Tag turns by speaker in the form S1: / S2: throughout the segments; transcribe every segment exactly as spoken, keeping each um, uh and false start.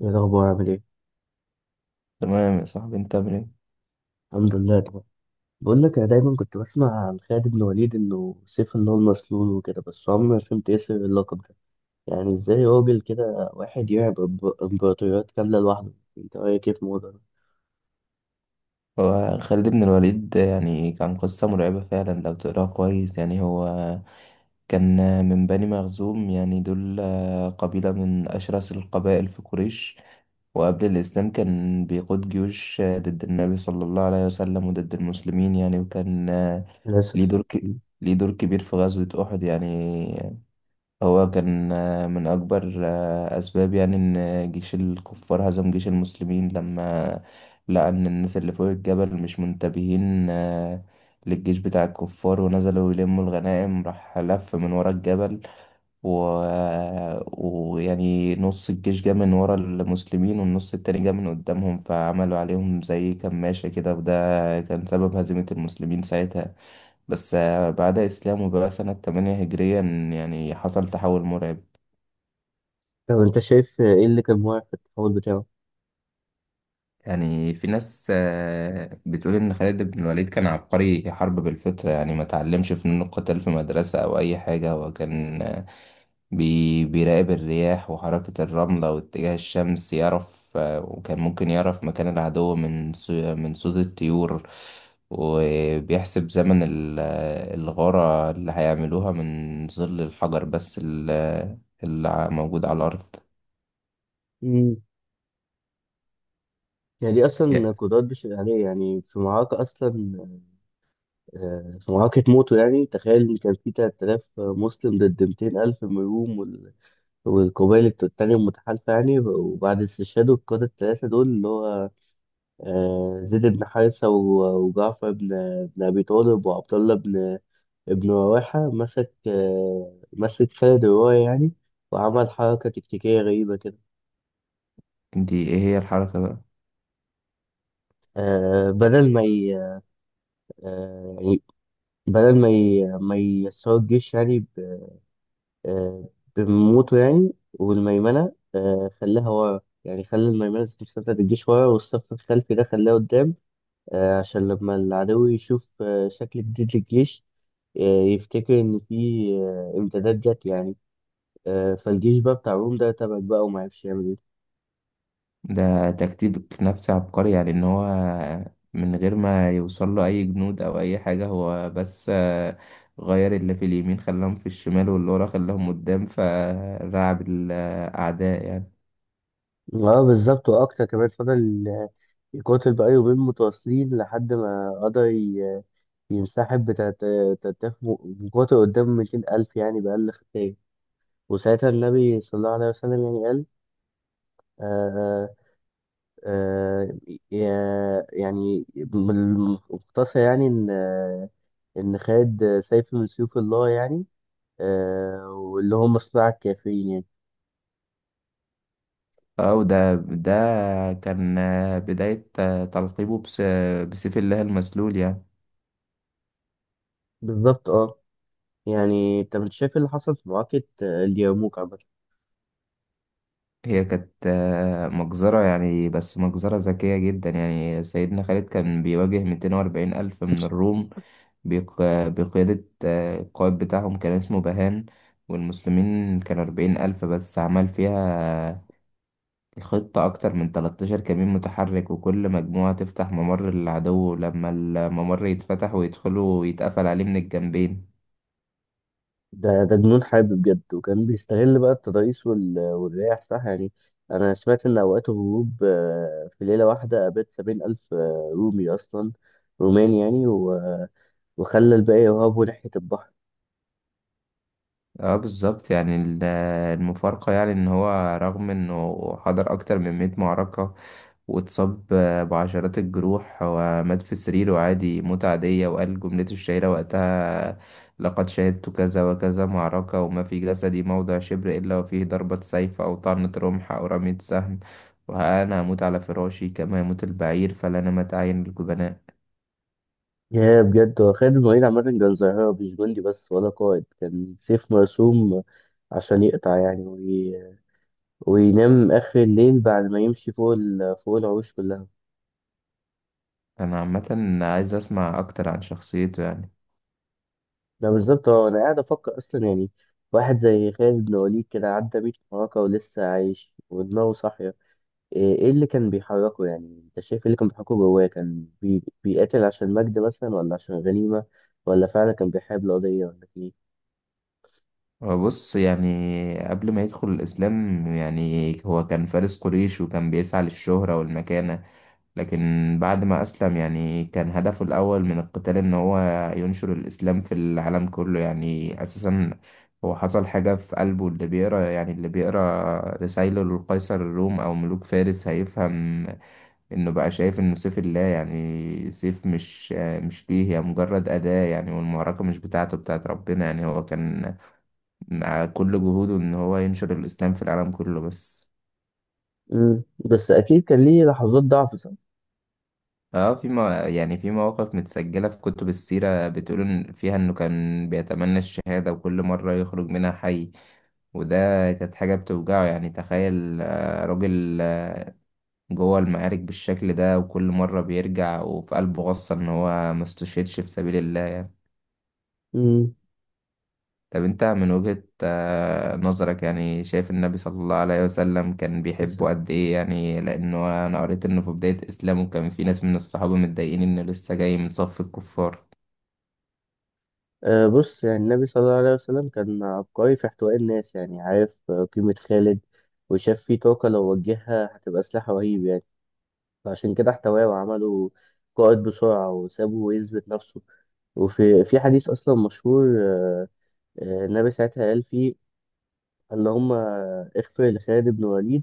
S1: ايه الاخبار، عامل ايه؟
S2: تمام يا صاحبي، انت عامل ايه؟
S1: الحمد لله طبعا. بقول لك، انا دايما كنت بسمع عن خالد بن وليد انه سيف، ان هو المسلول وكده، بس عمري ما فهمت ايه سر اللقب ده. يعني ازاي راجل كده واحد يلعب إمب- امبراطوريات كامله لوحده؟ انت رايك ايه في الموضوع ده؟
S2: هو خالد بن الوليد يعني كان قصة مرعبة فعلا لو تقراها كويس. يعني هو كان من بني مخزوم، يعني دول قبيلة من أشرس القبائل في قريش. وقبل الإسلام كان بيقود جيوش ضد النبي صلى الله عليه وسلم وضد المسلمين يعني. وكان ليه
S1: للاسف.
S2: دور ك... ليه دور كبير في غزوة أحد. يعني هو كان آه، من أكبر آه، أسباب يعني إن جيش الكفار هزم جيش المسلمين، لما لقى إن الناس اللي فوق الجبل مش منتبهين آه، للجيش بتاع الكفار، ونزلوا يلموا الغنائم. راح لف من ورا الجبل و... آه، ويعني نص الجيش جه من ورا المسلمين، والنص التاني جه من قدامهم، فعملوا عليهم زي كماشة كده. وده كان سبب هزيمة المسلمين ساعتها. بس آه، بعد إسلامه بقى سنة ثمانية هجريا، يعني حصل تحول مرعب.
S1: طب انت شايف ايه اللي كان موقع في التحول بتاعه؟
S2: يعني في ناس آه، بتقول إن خالد بن الوليد كان عبقري حرب بالفطرة، يعني ما تعلمش فنون القتال في مدرسة أو أي حاجة. هو كان آه، بي بيراقب الرياح وحركة الرملة واتجاه الشمس، يعرف آه، وكان ممكن يعرف مكان العدو من صو- من صوت الطيور، وبيحسب زمن ال- آه، الغارة اللي هيعملوها من ظل الحجر، بس ال- آه، اللي ع- موجود على الأرض.
S1: امم يعني دي
S2: يا-
S1: اصلا قدرات بشر عليه، يعني في معركه اصلا. آه، في معركه موته، يعني تخيل ان كان في تلات آلاف مسلم ضد ميتين ألف من الروم والقبائل الت- التانية المتحالفة، يعني وبعد استشهاد القادة التلاتة دول، اللي هو آه، زيد بن حارثة و- وجعفر بن بن أبي طالب، وعبد الله بن ابن رواحة، مسك آه، مسك خالد الرواية، يعني وعمل حركة تكتيكية غريبة كده.
S2: دي ايه هي الحركة بقى؟
S1: آه، بدل ما ي... آه، يعني بدل ما ي... ما يسروا الجيش، يعني ب... آه، بموته، يعني والميمنة آه، خلاها ورا، يعني خلى الميمنة ذات نفسها بتاعت الجيش ورا، والصف الخلفي ده خلاه قدام. آه، عشان لما العدو يشوف آه، شكل جديد للجيش، آه، يفتكر إن في آه، إمدادات جت، يعني آه، فالجيش بقى بتاع روم ده تبعك بقى ومعرفش يعمل إيه.
S2: ده تكتيك نفسي عبقري، يعني ان هو من غير ما يوصل له اي جنود او اي حاجة، هو بس آه، غير اللي في اليمين خلاهم في الشمال، واللي ورا خلاهم قدام، فرعب الاعداء يعني.
S1: اه، بالظبط. وأكتر كمان فضل آه، يقاتل بقى يومين متواصلين، لحد ما قدر ي- ينسحب بتلات تلات آلاف مقاتل قدام ميتين ألف، يعني بأقل خسائر. وساعتها النبي صلى الله عليه وسلم يعني قال آه آه آه، يعني بالمختصر، يعني إن آه، إن خد سيف من سيوف الله، يعني آه واللي هم صناع الكافرين يعني.
S2: اه، وده ده كان آه، بداية آه، تلقيبه بس- بسيف الله المسلول يعني.
S1: بالظبط، اه. يعني انت مش شايف إيه اللي حصل في معركة آه، اليرموك عامة؟
S2: هي كانت آه، مجزرة، يعني بس مجزرة ذكية جدا. يعني سيدنا خالد كان بيواجه 240 ألف من الروم، بيق- بقيادة آه، القائد بتاعهم كان اسمه بهان. والمسلمين كانوا أربعين ألف بس. عمل فيها الخطة أكتر من تلتاشر كمين متحرك، وكل مجموعة تفتح ممر للعدو، لما الممر يتفتح ويدخلوا يتقفل عليه من الجنبين.
S1: ده ده جنون حرب بجد، وكان بيستغل بقى التضاريس وال- والرياح، صح يعني. أنا سمعت إن أوقات الهروب آه، في ليلة واحدة قابلت سبعين ألف آه، رومي، أصلا رومان يعني، و- وخلى الباقي يهربوا ناحية البحر.
S2: اه بالظبط. يعني ال- المفارقة يعني ان هو رغم انه حضر اكتر من مئة معركة، واتصاب آه، بعشرات الجروح، ومات في سريره عادي موتة عادية، وقال جملته الشهيرة وقتها: لقد شهدت كذا وكذا معركة، وما في جسدي موضع شبر إلا وفيه ضربة سيف أو طعنة رمح أو رمية سهم، وأنا هموت على فراشي كما يموت البعير، فلا نمت أعين الجبناء.
S1: يا بجد، هو خالد الوليد عامة كان ظاهرة، مش جندي بس ولا قائد، كان سيف مرسوم عشان يقطع، يعني وي... وينام آخر الليل بعد ما يمشي فوق ال... فوق العروش كلها.
S2: أنا عامة عايز أسمع أكتر عن شخصيته يعني.
S1: ده بالظبط، هو أنا قاعد أفكر أصلا يعني. واحد زي خالد بن وليد كده عدى مية معركة ولسه عايش ودماغه صاحية. إيه إيه اللي كان بيحركه؟ يعني أنت شايف إيه اللي كان بيحركه جواه؟ كان بي... بيقاتل عشان مجد مثلا ولا عشان غنيمة، ولا فعلا كان بيحارب القضية، ولا كان إيه؟
S2: هو بص، يعني قبل ما يدخل الإسلام يعني هو كان فارس قريش، وكان بيسعى للشهرة والمكانة. لكن بعد ما أسلم يعني كان هدفه الأول من القتال إن هو ينشر الإسلام في العالم كله. يعني أساسا هو حصل حاجة في قلبه. اللي بيقرا يعني اللي بيقرا رسايله للقيصر الروم أو ملوك فارس هيفهم إنه بقى شايف إنه سيف الله، يعني سيف، مش مش ليه، هي مجرد أداة يعني. والمعركة مش بتاعته، بتاعت ربنا يعني. هو كان مع كل جهوده إن هو ينشر الإسلام في العالم كله بس.
S1: مم. بس أكيد كان ليه لحظات ضعف.
S2: اه، في، ما يعني في مواقف متسجلة في كتب السيرة، بتقول إن- فيها انه كان بيتمنى الشهادة، وكل مرة يخرج منها حي. وده كانت حاجة بتوجعه. يعني تخيل آه، راجل آه، جوه المعارك بالشكل ده، وكل مرة بيرجع وفي قلبه غصة ان هو ما استشهدش في سبيل الله.
S1: امم
S2: طب انت من وجهة آه، نظرك، يعني شايف النبي صلى الله عليه وسلم كان بيحبه
S1: أساسا،
S2: قد ايه؟ يعني لانه انا قريت انه في بداية اسلامه كان في ناس من الصحابة متضايقين انه لسه جاي من صف الكفار.
S1: أه، بص، يعني النبي صلى الله عليه وسلم كان عبقري في احتواء الناس، يعني عارف آه، قيمة خالد، وشاف فيه طاقة لو وجهها هتبقى سلاح رهيب، يعني فعشان كده احتواه وعمله قائد بسرعة وسابه يثبت نفسه. وفي في حديث أصلا مشهور آه، آه، النبي ساعتها قال فيه: اللهم اغفر لخالد بن وليد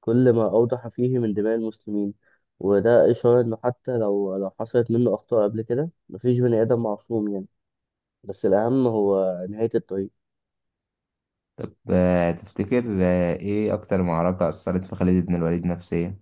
S1: كل ما أوضح فيه من دماء المسلمين. وده إشارة إنه حتى لو لو حصلت منه أخطاء قبل كده، مفيش بني آدم معصوم يعني. بس الأهم هو نهاية الطريق.
S2: طب آه، تفتكر آه، ايه اكتر معركة اثرت في خالد بن الوليد نفسيا؟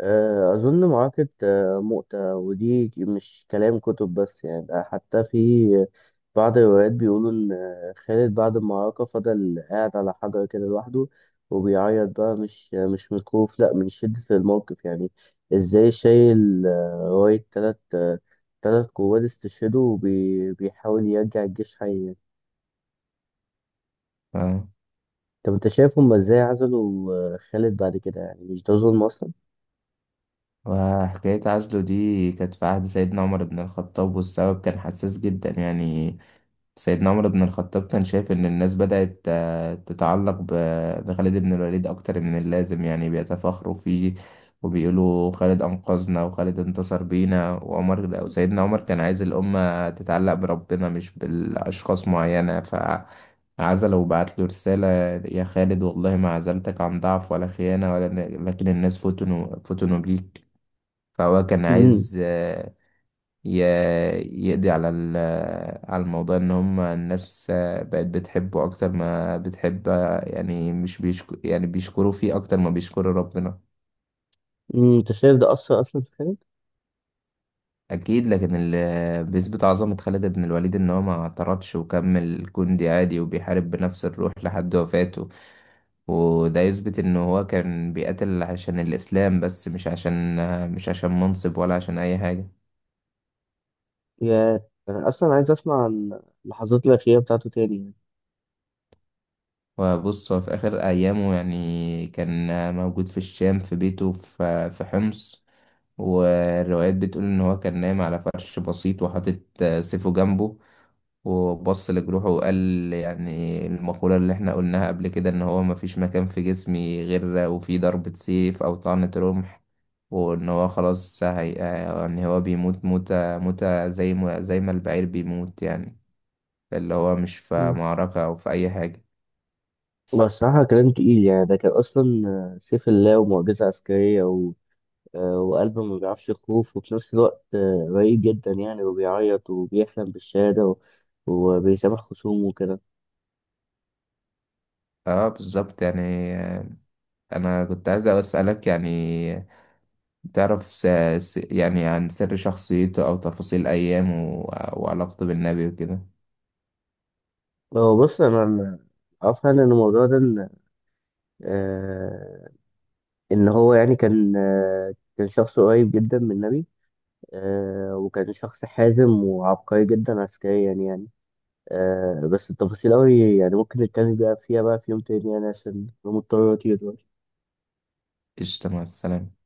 S1: آه، أظن معركة آه، مؤتة، ودي مش كلام كتب بس يعني، ده حتى في بعض الروايات بيقولوا إن آه، خالد بعد المعركة فضل قاعد على حجر كده لوحده، وبيعيط بقى، مش آه، مش من الخوف، لأ، من شدة الموقف يعني. إزاي شايل آه، راية تلات آه، تلات قوات استشهدوا، وبيحاول يرجع الجيش حي يعني.
S2: فاهم.
S1: طب أنت شايف هما إزاي عزلوا آه، خالد بعد كده، يعني مش ده ظلم أصلا؟
S2: وحكاية عزله دي كانت في عهد سيدنا عمر بن الخطاب، والسبب كان حساس جدا. يعني سيدنا عمر بن الخطاب كان شايف إن الناس بدأت آه، تتعلق ب- بخالد بن الوليد أكتر من اللازم، يعني بيتفاخروا فيه وبيقولوا خالد أنقذنا وخالد انتصر بينا. وعمر، أو سيدنا عمر، كان عايز الأمة تتعلق بربنا مش بالأشخاص معينة. فعزله، وبعت له رسالة: يا خالد، والله ما عزلتك عن ضعف ولا خيانة ولا، لكن الناس فتنوا فتنوا بيك. فهو كان عايز آه، ي- يقضي على ال- على الموضوع، ان هم الناس بقت بتحبه اكتر ما بتحب يعني، مش بيشك يعني، بيشكروا فيه اكتر ما بيشكروا ربنا.
S1: امم انت شايف ده اثر اصلا في خالد؟
S2: اكيد. لكن اللي بيثبت عظمة خالد بن الوليد ان هو ما اعترضش، وكمل جندي عادي، وبيحارب بنفس الروح لحد وفاته. وده يثبت ان هو كان بيقاتل عشان الاسلام بس، مش عشان مش عشان منصب ولا عشان اي حاجة.
S1: يا، انا اصلا عايز اسمع عن اللحظات الاخيره بتاعته تاني يعني.
S2: وبص، هو في آخر أيامه يعني كان موجود في الشام، في بيته، في في حمص. والروايات بتقول إن هو كان نايم على فرش بسيط، وحاطط سيفه جنبه، وبص لجروحه وقال يعني المقولة اللي احنا قلناها قبل كده: إن هو مفيش مكان في جسمي غير وفيه ضربة سيف أو طعنة رمح، وإن هو خلاص. هي، يعني، هو بيموت موتة، موتة زي ما زي ما البعير بيموت يعني، اللي هو مش في
S1: مم.
S2: معركة أو في أي حاجة.
S1: بس الصراحه، كلام تقيل، يعني ده كان اصلا آه، سيف الله ومعجزه عسكريه، و... آه، وقلب ما بيعرفش يخوف، وفي نفس الوقت آه، رقيق جدا، يعني وبيعيط وبيحلم بالشهاده، و... وبيسامح خصومه وكده.
S2: اه بالظبط يعني. آه، انا كنت عايز اسالك، يعني تعرف س... س... يعني عن سر شخصيته او تفاصيل ايامه و... وعلاقته بالنبي وكده.
S1: هو بص، انا أنا عارف يعني ان الموضوع ده، ان آه، إن هو يعني كان آه، كان شخص قريب جدا من النبي، آه، وكان شخص حازم وعبقري جدا عسكريا يعني. آه، بس التفاصيل أوي، يعني ممكن نتكلم بقى فيها بقى في يوم تاني، يعني عشان أنا مضطر أطير دلوقتي.
S2: قشطة، مع السلامة.